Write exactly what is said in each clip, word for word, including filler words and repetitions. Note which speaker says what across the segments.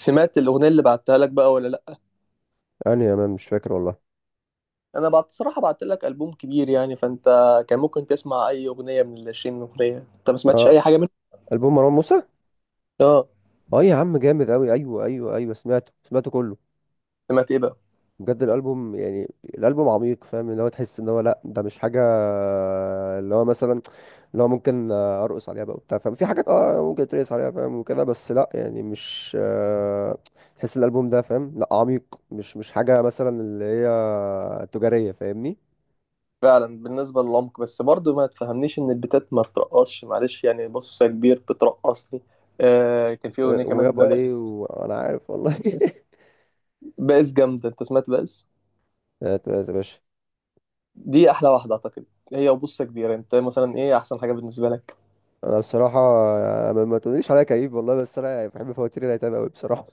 Speaker 1: سمعت الأغنية اللي بعتها لك بقى ولا لأ؟
Speaker 2: أنا أمان مش فاكر والله.
Speaker 1: أنا بعت صراحة بعت لك ألبوم كبير يعني فأنت كان ممكن تسمع أي أغنية من العشرين أغنية، أنت ما سمعتش
Speaker 2: آه.
Speaker 1: أي حاجة منهم؟
Speaker 2: ألبوم مروان موسى.
Speaker 1: آه،
Speaker 2: اه يا عم جامد أوي. أيوه أيوه أيوه، سمعته سمعته كله.
Speaker 1: سمعت إيه بقى؟
Speaker 2: بجد الألبوم يعني الألبوم عميق، فاهم اللي هو، تحس إن هو لأ ده مش حاجة اللي هو، مثلا اللي هو ممكن آه، أرقص عليها بقى وبتاع فاهم، في حاجات اه ممكن ترقص عليها فاهم وكده، بس لأ يعني مش آه، تحس الألبوم ده فاهم لأ عميق، مش مش حاجة مثلا اللي هي تجارية فاهمني.
Speaker 1: فعلا بالنسبة للعمق بس برضه ما تفهمنيش إن البتات ما بترقصش معلش يعني بص يا كبير بترقصني. آه، كان في أغنية كمان
Speaker 2: ويابا ليه
Speaker 1: بائس.
Speaker 2: وأنا عارف والله.
Speaker 1: بائس جامدة، أنت سمعت بائس؟
Speaker 2: هات يا باشا.
Speaker 1: دي أحلى واحدة أعتقد. هي، وبص يا كبير، أنت مثلا إيه أحسن حاجة بالنسبة لك؟
Speaker 2: انا بصراحه يعني ما ما تقوليش عليا كئيب والله، بس انا يعني بحب فواتير الايتام قوي بصراحه.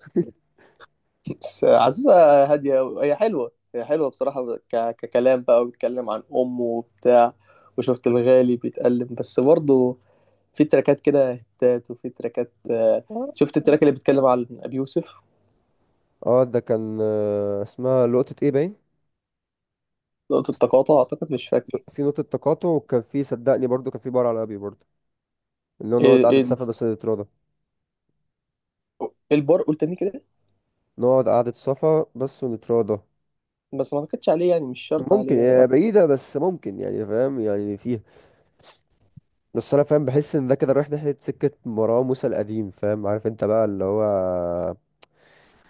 Speaker 1: بس عزيزة هادية أوي. هي حلوة، هي حلوة بصراحة ك... ككلام بقى، وبيتكلم عن أمه وبتاع، وشفت الغالي بيتألم. بس برضه في تراكات كده هتات، وفي تراكات آه، شفت التراك اللي بيتكلم عن أبي يوسف.
Speaker 2: اه ده كان، آه، اسمها لقطه ايه باين.
Speaker 1: نقطة
Speaker 2: بس
Speaker 1: تقاطع أعتقد، مش فاكر.
Speaker 2: في نقطه تقاطع، وكان في صدقني برضو، كان في بار على ابي برضو، اللي هو نقعد
Speaker 1: إيه،
Speaker 2: قعده
Speaker 1: إيه،
Speaker 2: صفا بس نتراضى.
Speaker 1: إيه البار، قول تاني كده.
Speaker 2: نقعد قعده صفا بس ونتراضى.
Speaker 1: بس ما اعتقدش عليه يعني، مش شرط
Speaker 2: ممكن
Speaker 1: عليه يعني.
Speaker 2: هي بعيده بس ممكن يعني فاهم، يعني فيها. بس انا فاهم بحس ان ده كده رايح ناحيه سكه مروان موسى القديم فاهم، عارف انت بقى اللي هو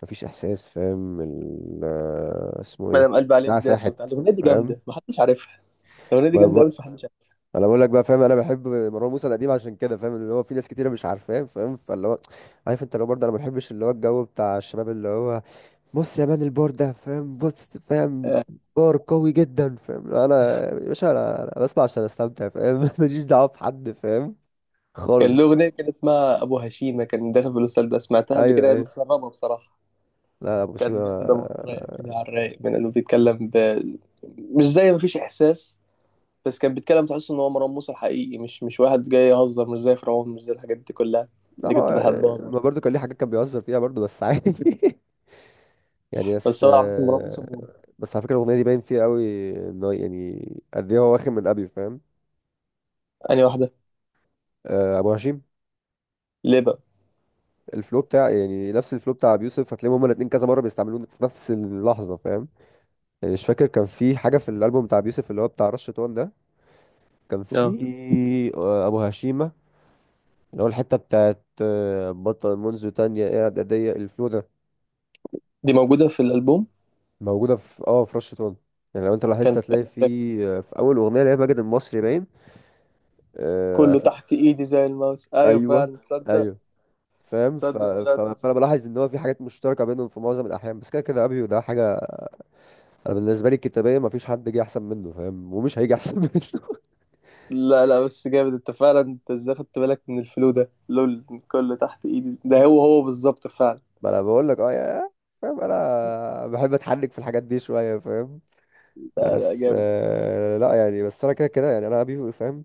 Speaker 2: مفيش احساس فاهم ال آه، اسمه ايه.
Speaker 1: مدام قلب عليه
Speaker 2: ده
Speaker 1: الداس
Speaker 2: ساحت
Speaker 1: وبتاع، الأغنية دي
Speaker 2: فاهم.
Speaker 1: جامدة محدش عارفها. الأغنية دي جامدة
Speaker 2: ما
Speaker 1: أوي بس محدش عارفها.
Speaker 2: انا بقول لك بقى فاهم، انا بحب مروان موسى القديم عشان كده فاهم، اللي هو في ناس كتيره مش عارفاه فاهم. فاللي هو عارف انت، لو برضه انا ما بحبش اللي هو الجو بتاع الشباب اللي هو، بص يا مان، البار ده فاهم، بص فاهم،
Speaker 1: آه،
Speaker 2: بار قوي جدا فاهم. لا، انا يا باشا انا أنا بسمع عشان استمتع فاهم. ماليش دعوه بحد فاهم
Speaker 1: كان له
Speaker 2: خالص.
Speaker 1: أغنية كانت اسمها أبو هشيمة، كان داخل في الأستاذ، بس سمعتها قبل كده،
Speaker 2: ايوه
Speaker 1: هي
Speaker 2: ايوه،
Speaker 1: متسربة بصراحة.
Speaker 2: لا ابو
Speaker 1: كانت
Speaker 2: شيما.
Speaker 1: جامدة برضه، رايقة كده على الرايق، من انه بيتكلم ب... مش زي مفيش احساس. بس كان بيتكلم تحس ان هو مروان موسى الحقيقي، مش مش واحد جاي يهزر، مش زي فرعون، مش زي الحاجات دي كلها.
Speaker 2: لا
Speaker 1: دي كنت
Speaker 2: ما،
Speaker 1: بحبها برضه.
Speaker 2: ما برضه كان ليه حاجات كان بيهزر فيها برضه، بس عادي. يعني بس.
Speaker 1: بس هو عامة مروان موسى موجود.
Speaker 2: بس على فكره الاغنيه دي باين فيها قوي انه يعني قد ايه هو واخد من ابي فاهم.
Speaker 1: انهي واحدة؟
Speaker 2: آه، ابو هشيم،
Speaker 1: ليه بقى؟
Speaker 2: الفلو بتاع، يعني نفس الفلو بتاع ابي يوسف، هتلاقيهم هما الاثنين كذا مره بيستعملوه في نفس اللحظه فاهم. يعني مش فاكر، كان في حاجه في الالبوم بتاع ابي يوسف، اللي هو بتاع رشة وان، ده كان في
Speaker 1: اه
Speaker 2: آه، ابو هشيمه، اللي هو الحته بتاعت آه، بطل منذ تانية قاعد اضيق الفلو ده.
Speaker 1: دي موجودة في الألبوم.
Speaker 2: موجوده في اه في رشة وان. يعني لو انت لاحظت
Speaker 1: كان في-
Speaker 2: هتلاقي في آه، في اول اغنيه اللي هي ماجد المصري باين. آه،
Speaker 1: كله
Speaker 2: هتل...
Speaker 1: تحت ايدي زي الماوس، ايوه
Speaker 2: ايوه
Speaker 1: فعلا تصدق.
Speaker 2: ايوه، فاهم ف...
Speaker 1: تصدق
Speaker 2: ف...
Speaker 1: بدأت أعرف.
Speaker 2: فانا بلاحظ ان هو في حاجات مشتركه بينهم في معظم الاحيان، بس كده كده ابيو ده حاجه. انا بالنسبه لي الكتابيه ما فيش حد جه احسن منه فاهم، ومش هيجي احسن منه.
Speaker 1: لا لا، بس جامد انت فعلا، انت ازاي خدت بالك من الفلو ده لول؟ كله تحت ايدي، ده هو هو بالظبط فعلا.
Speaker 2: ما انا بقول لك اه يا فاهم، انا بحب اتحرك في الحاجات دي شويه فاهم.
Speaker 1: لا لا
Speaker 2: بس
Speaker 1: جامد.
Speaker 2: آه لا يعني، بس انا كده كده يعني انا ابي فاهم.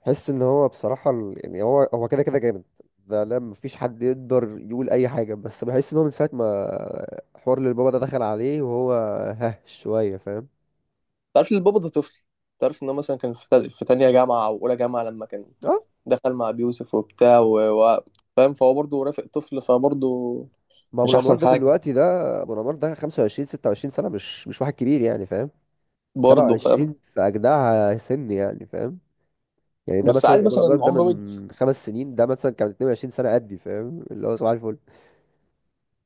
Speaker 2: حس ان هو بصراحه ال- يعني هو هو كده كده جامد، ده لا مفيش حد يقدر يقول اي حاجه، بس بحس ان هو من ساعه ما حوار للبابا ده دخل عليه وهو ها شويه فاهم.
Speaker 1: تعرف إن البابا ده طفل؟ تعرف ان هو مثلا كان في تا- في تانية جامعة او اولى جامعة لما كان
Speaker 2: اه
Speaker 1: دخل مع بيوسف وبتاع و... و... فاهم، فهو برضه رافق طفل، فبرضه
Speaker 2: ما ابو
Speaker 1: مش
Speaker 2: الانوار
Speaker 1: احسن
Speaker 2: ده
Speaker 1: حاجة.
Speaker 2: دلوقتي، ده ابو الانوار ده خمسة وعشرين ستة وعشرين سنه، مش مش واحد كبير يعني فاهم.
Speaker 1: برضه
Speaker 2: سبع وعشرين
Speaker 1: فاهم.
Speaker 2: في أجدعها سن يعني فاهم. يعني ده
Speaker 1: بس
Speaker 2: مثلا
Speaker 1: عادي
Speaker 2: أبو
Speaker 1: مثلا
Speaker 2: الأبيض ده
Speaker 1: عمرو ويجز،
Speaker 2: من خمس سنين، ده مثلا كان اثنين وعشرين سنة قدي فاهم، اللي هو صباح الفل.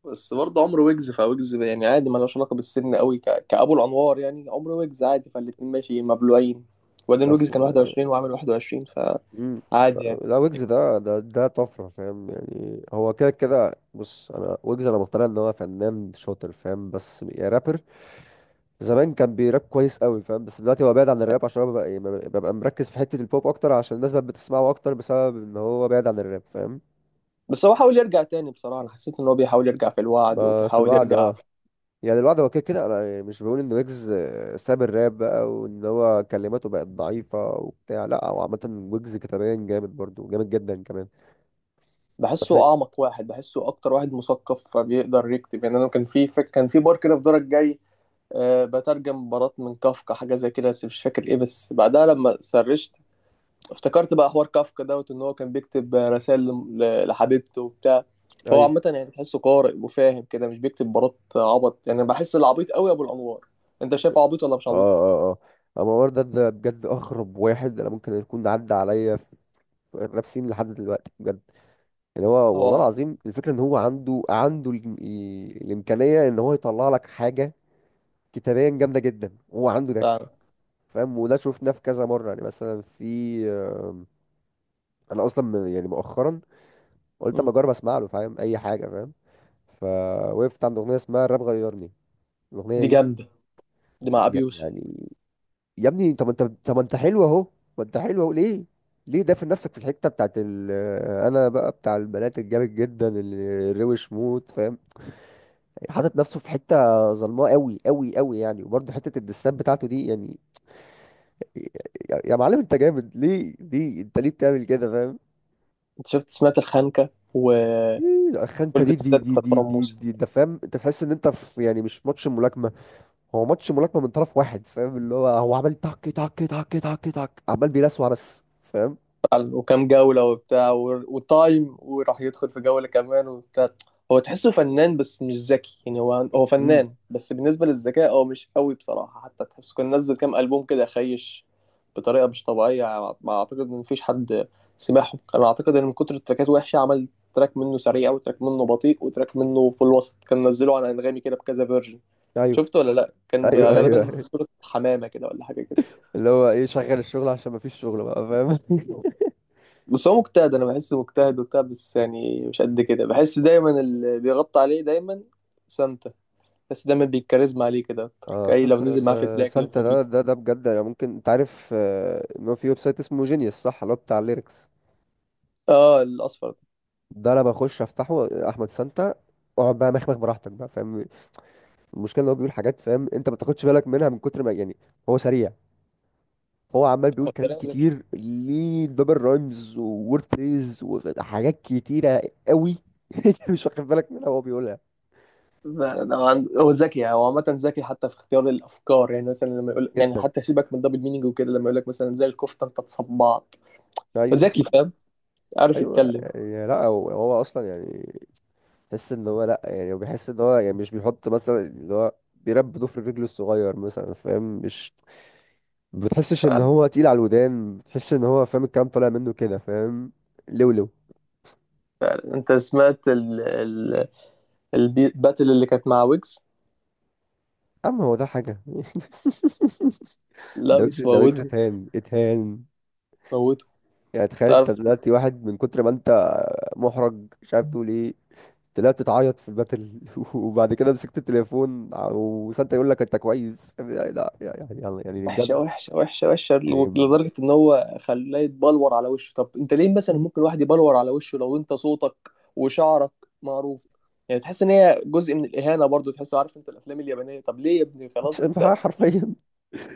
Speaker 1: بس برضه عمرو ويجز فويجز يعني عادي، ملوش علاقة بالسن قوي ك... كأبو الأنوار، يعني عمرو ويجز عادي فالاتنين ماشي مبلوعين. وبعدين ويجز
Speaker 2: أصل،
Speaker 1: كان واحد وعشرين وعامل واحد وعشرين،
Speaker 2: مم.
Speaker 1: فعادي يعني.
Speaker 2: لا ويجز ده ده ده طفرة فاهم. يعني هو كده كده، بص أنا ويجز، أنا مقتنع إن هو فنان شاطر فاهم، بس يا رابر زمان كان بيراب كويس قوي فاهم. بس دلوقتي هو بعيد عن الراب عشان هو ببقى, ببقى مركز في حتة البوب أكتر، عشان الناس بقت بتسمعه أكتر بسبب إن هو بعيد عن الراب فاهم.
Speaker 1: بس هو حاول يرجع تاني، بصراحة أنا حسيت إن هو بيحاول يرجع في الوعد،
Speaker 2: ما في
Speaker 1: وبيحاول
Speaker 2: الوعد
Speaker 1: يرجع.
Speaker 2: اه. يعني الواحد هو كده كده، انا مش بقول ان ويجز ساب الراب بقى وان هو كلماته بقت ضعيفة وبتاع، لا هو عامة ويجز كتابيا جامد، برضو جامد جدا كمان. بتح...
Speaker 1: بحسه اعمق واحد، بحسه اكتر واحد مثقف فبيقدر يكتب. يعني انا كان في فك... كان في بار كده في دورك جاي، أه بترجم مباراه من كافكا حاجه زي كده، بس مش فاكر ايه، بس بعدها لما سرشت افتكرت بقى حوار كافكا دوت ان هو كان بيكتب رسائل ل- لحبيبته وبتاع. فهو
Speaker 2: ايوه
Speaker 1: عامه يعني تحسه قارئ وفاهم كده، مش بيكتب مباراه عبط يعني، بحس العبيط قوي ابو الانوار. انت شايفه عبيط ولا مش
Speaker 2: اه
Speaker 1: عبيط؟
Speaker 2: اه اه. اما عمر ده ده بجد اغرب واحد انا ممكن يكون عدى عليا في الراب سين لحد دلوقتي بجد. يعني هو والله
Speaker 1: هو
Speaker 2: العظيم، الفكرة ان هو عنده عنده ال... ال- الامكانية ان هو يطلع لك حاجة كتابيا جامدة جدا، هو عنده ده
Speaker 1: فعلا.
Speaker 2: فاهم. وده شفناه في كذا مرة، يعني مثلا في آم، انا اصلا من- يعني مؤخرا قلت اما
Speaker 1: مم.
Speaker 2: اجرب اسمع له فاهم، اي حاجه فاهم. فوقفت عند اغنيه اسمها الراب غيرني، الاغنيه
Speaker 1: دي
Speaker 2: دي
Speaker 1: جامده. دي مع ابي
Speaker 2: ي-
Speaker 1: يوسف.
Speaker 2: يعني، يا ابني طب انت، طب ما انت حلو اهو، ما انت حلو اهو، ليه ليه دافن نفسك في الحته بتاعت ال... آه، انا بقى بتاع البنات الجامد جدا اللي الروش موت فاهم، حاطط نفسه في حته ظلماء قوي قوي قوي، يعني وبرده حته الدسات بتاعته دي يعني. يا يا معلم انت جامد ليه ليه انت ليه بتعمل كده فاهم.
Speaker 1: انت شفت سمعت الخنكه وولد
Speaker 2: إيه الخنكه دي
Speaker 1: الست
Speaker 2: دي دي
Speaker 1: بتاع؟
Speaker 2: دي دي, دي ده فاهم، انت تحس ان انت في يعني مش ماتش ملاكمه، هو ماتش ملاكمة من طرف واحد فاهم، اللي هو هو عمال تك تك تك تك تك، عمال بيلسوع بس فاهم.
Speaker 1: فعلا، وكام جولة وبتاع و- وتايم، وراح يدخل في جولة كمان وبتاع. هو تحسه فنان بس مش ذكي يعني، هو هو
Speaker 2: امم.
Speaker 1: فنان بس بالنسبة للذكاء هو مش قوي بصراحة. حتى تحسه كان نزل كام ألبوم كده خيش بطريقة مش طبيعية، ما أعتقد إن مفيش حد سمعهم. أنا أعتقد إن من كتر التراكات وحشة، عمل تراك منه سريع، وتراك منه بطيء، وتراك منه في الوسط، كان نزله على أنغامي كده بكذا فيرجن.
Speaker 2: ايوه
Speaker 1: شفته ولا لأ؟ كان
Speaker 2: ايوه ايوه
Speaker 1: غالبا
Speaker 2: أيوة.
Speaker 1: صورة حمامة كده ولا حاجة كده.
Speaker 2: اللي هو ايه شغل الشغل، عشان ما فيش شغل بقى فاهم.
Speaker 1: بس هو مجتهد، انا بحسه مجتهد وبتاع، بس يعني مش قد كده. بحس دايما اللي بيغطي عليه دايما سانتا. بس دايما بيكاريزما عليه كده اكتر،
Speaker 2: اه
Speaker 1: كأي
Speaker 2: استاذ،
Speaker 1: لو
Speaker 2: س-
Speaker 1: نزل معاه في
Speaker 2: س-
Speaker 1: تراك، لو
Speaker 2: سانتا
Speaker 1: في فيديو.
Speaker 2: ده ده ده بجد، انا ممكن، انت عارف آه، ان هو في ويب سايت اسمه جينيوس صح، اللي هو بتاع الليركس
Speaker 1: اه الاصفر.
Speaker 2: ده، انا بخش افتحه احمد سانتا، اقعد بقى مخمخ براحتك بقى فاهم. المشكله ان هو بيقول حاجات فاهم، انت ما بتاخدش بالك منها من كتر ما يعني، هو سريع، فهو عمال بيقول
Speaker 1: هو
Speaker 2: كلام
Speaker 1: كلام ذكي.
Speaker 2: كتير، ليه دبل رايمز وورد فريز وحاجات كتيرة قوي. انت مش واخد بالك منها وهو بيقولها.
Speaker 1: لا، لا، هو عند- هو ذكي يعني، هو عامة ذكي حتى في اختيار الأفكار. يعني مثلا لما يقول، يعني
Speaker 2: جدا،
Speaker 1: حتى سيبك من الدبل مينينج وكده، لما يقول لك مثلا زي الكفتة أنت تصبعت.
Speaker 2: ايوه.
Speaker 1: ذكي فاهم، عارف
Speaker 2: ايوه
Speaker 1: يتكلم.
Speaker 2: يعني، لا هو هو اصلا يعني، تحس ان هو، لا يعني هو بيحس ان هو يعني مش بيحط مثلا اللي هو بيرب ضفر رجله الصغير مثلا فاهم، مش ما بتحسش ان
Speaker 1: فعلا.
Speaker 2: هو تقيل على الودان، بتحس ان هو فاهم الكلام طالع منه كده فاهم. لولو.
Speaker 1: فعلا أنت سمعت ال... ال... الباتل اللي كانت مع ويجز؟
Speaker 2: اما هو ده حاجه.
Speaker 1: لا
Speaker 2: ده ويجز،
Speaker 1: بس
Speaker 2: ده ويجز
Speaker 1: موته.
Speaker 2: اتهان اتهان.
Speaker 1: موته.
Speaker 2: يعني تخيل انت
Speaker 1: تعرف،
Speaker 2: دلوقتي، واحد من كتر ما انت محرج مش عارف تقول ايه، طلعت تعيط في الباتل وبعد كده مسكت التليفون، وسانتا يقول لك انت كويس، يعني لا يعني يعني يعني
Speaker 1: وحشه
Speaker 2: بجد،
Speaker 1: وحشه وحشه وحشه.
Speaker 2: يعني.
Speaker 1: لدرجه ان هو خلاه يتبلور على وشه. طب انت ليه مثلا؟ ممكن واحد يبلور على وشه لو انت صوتك وشعرك معروف. يعني تحس ان هي جزء من الاهانه برضو، تحس عارف انت الافلام اليابانيه. طب ليه يا ابني؟ خلاص
Speaker 2: مش-
Speaker 1: انت،
Speaker 2: حرفيا،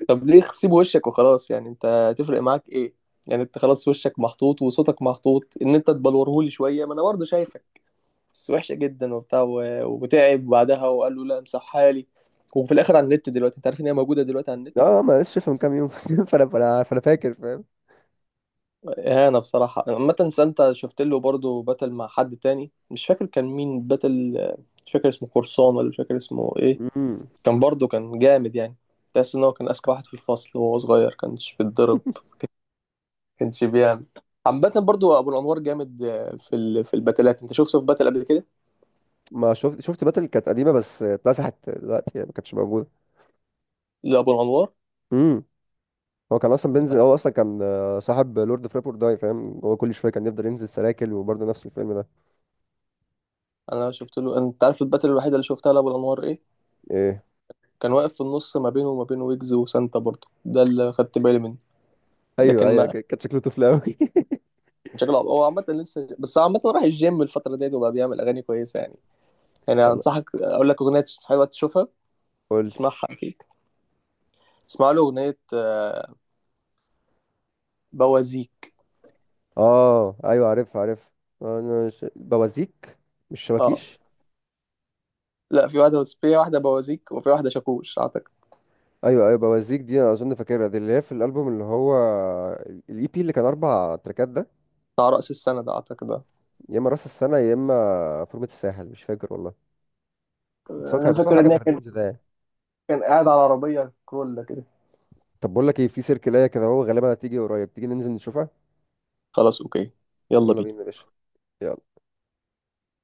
Speaker 1: طب ليه سيب وشك وخلاص، يعني انت تفرق معاك ايه؟ يعني انت خلاص وشك محطوط وصوتك محطوط ان انت تبلورهولي شويه، ما انا برضو شايفك. بس وحشه جدا وبتاع و- وتعب بعدها، وقال له لا امسحها لي. وفي الاخر على النت دلوقتي، انت عارف ان هي موجوده دلوقتي على النت.
Speaker 2: اه ما لسه من كام يوم. فانا فانا فانا فاكر فاهم.
Speaker 1: اهانة بصراحة. عامة سانتا شفت له برضه باتل مع حد تاني، مش فاكر كان مين باتل، مش فاكر اسمه قرصان ولا مش فاكر اسمه ايه.
Speaker 2: امم.
Speaker 1: كان برضه كان جامد يعني. تحس ان هو كان اذكى واحد في الفصل، وهو صغير كانش بيتضرب، كانش بيعمل. عامة برضه ابو الانوار جامد في ال... في الباتلات. انت شفته في باتل قبل كده
Speaker 2: ما شفت، شفت باتل كانت قديمه بس اتمسحت دلوقتي يعني ما كانتش موجوده.
Speaker 1: لابو الانوار؟
Speaker 2: امم. هو كان اصلا بينزل، هو اصلا كان آه، صاحب لورد اوف ريبورت داي فاهم، هو كل شويه كان يفضل ينزل سلاكل وبرضه نفس الفيلم ده.
Speaker 1: انا شفت له. انت عارف الباتل الوحيدة اللي شفتها لابو الانوار ايه؟
Speaker 2: ايه؟
Speaker 1: كان واقف في النص ما بينه وما بين ويجز وسانتا برضه، ده اللي خدت بالي منه.
Speaker 2: ايوه
Speaker 1: لكن
Speaker 2: ايوه،
Speaker 1: ما
Speaker 2: ك- كان شكله طفل قوي.
Speaker 1: شكله، هو عامة لسه. بس عامة راح الجيم الفترة ديت وبقى بيعمل أغاني كويسة يعني. يعني
Speaker 2: والله
Speaker 1: أنصحك أقول لك أغنية حلوة تشوفها،
Speaker 2: قول لي.
Speaker 1: تسمعها أكيد. اسمع له أغنية آه، بوازيك.
Speaker 2: اه ايوه عارف عارف. انا ش... بوازيك، مش
Speaker 1: أه
Speaker 2: شبكيش.
Speaker 1: لا، في واحدة، في واحدة بوازيك، وفي واحدة شاكوش أعتقد.
Speaker 2: ايوه ايوه، بوازيك دي انا اظن فاكرها، دي اللي هي في الالبوم اللي هو الاي بي اللي كان اربع تراكات ده.
Speaker 1: بتاع رأس السنة ده أعتقد ده.
Speaker 2: يا اما راس السنه يا اما فورمه الساحل، مش فاكر والله. بس هو كان
Speaker 1: أنا
Speaker 2: بس هو
Speaker 1: فاكر
Speaker 2: حاجه
Speaker 1: إن
Speaker 2: في
Speaker 1: هي كان،
Speaker 2: الرينج ده يعني.
Speaker 1: كان قاعد على عربية كرولا كده.
Speaker 2: طب بقول لك ايه، في سيركلايه كده هو غالبا هتيجي قريب، تيجي ننزل نشوفها.
Speaker 1: خلاص أوكي، يلا
Speaker 2: يلا بينا يا
Speaker 1: بينا.
Speaker 2: باشا. يلا.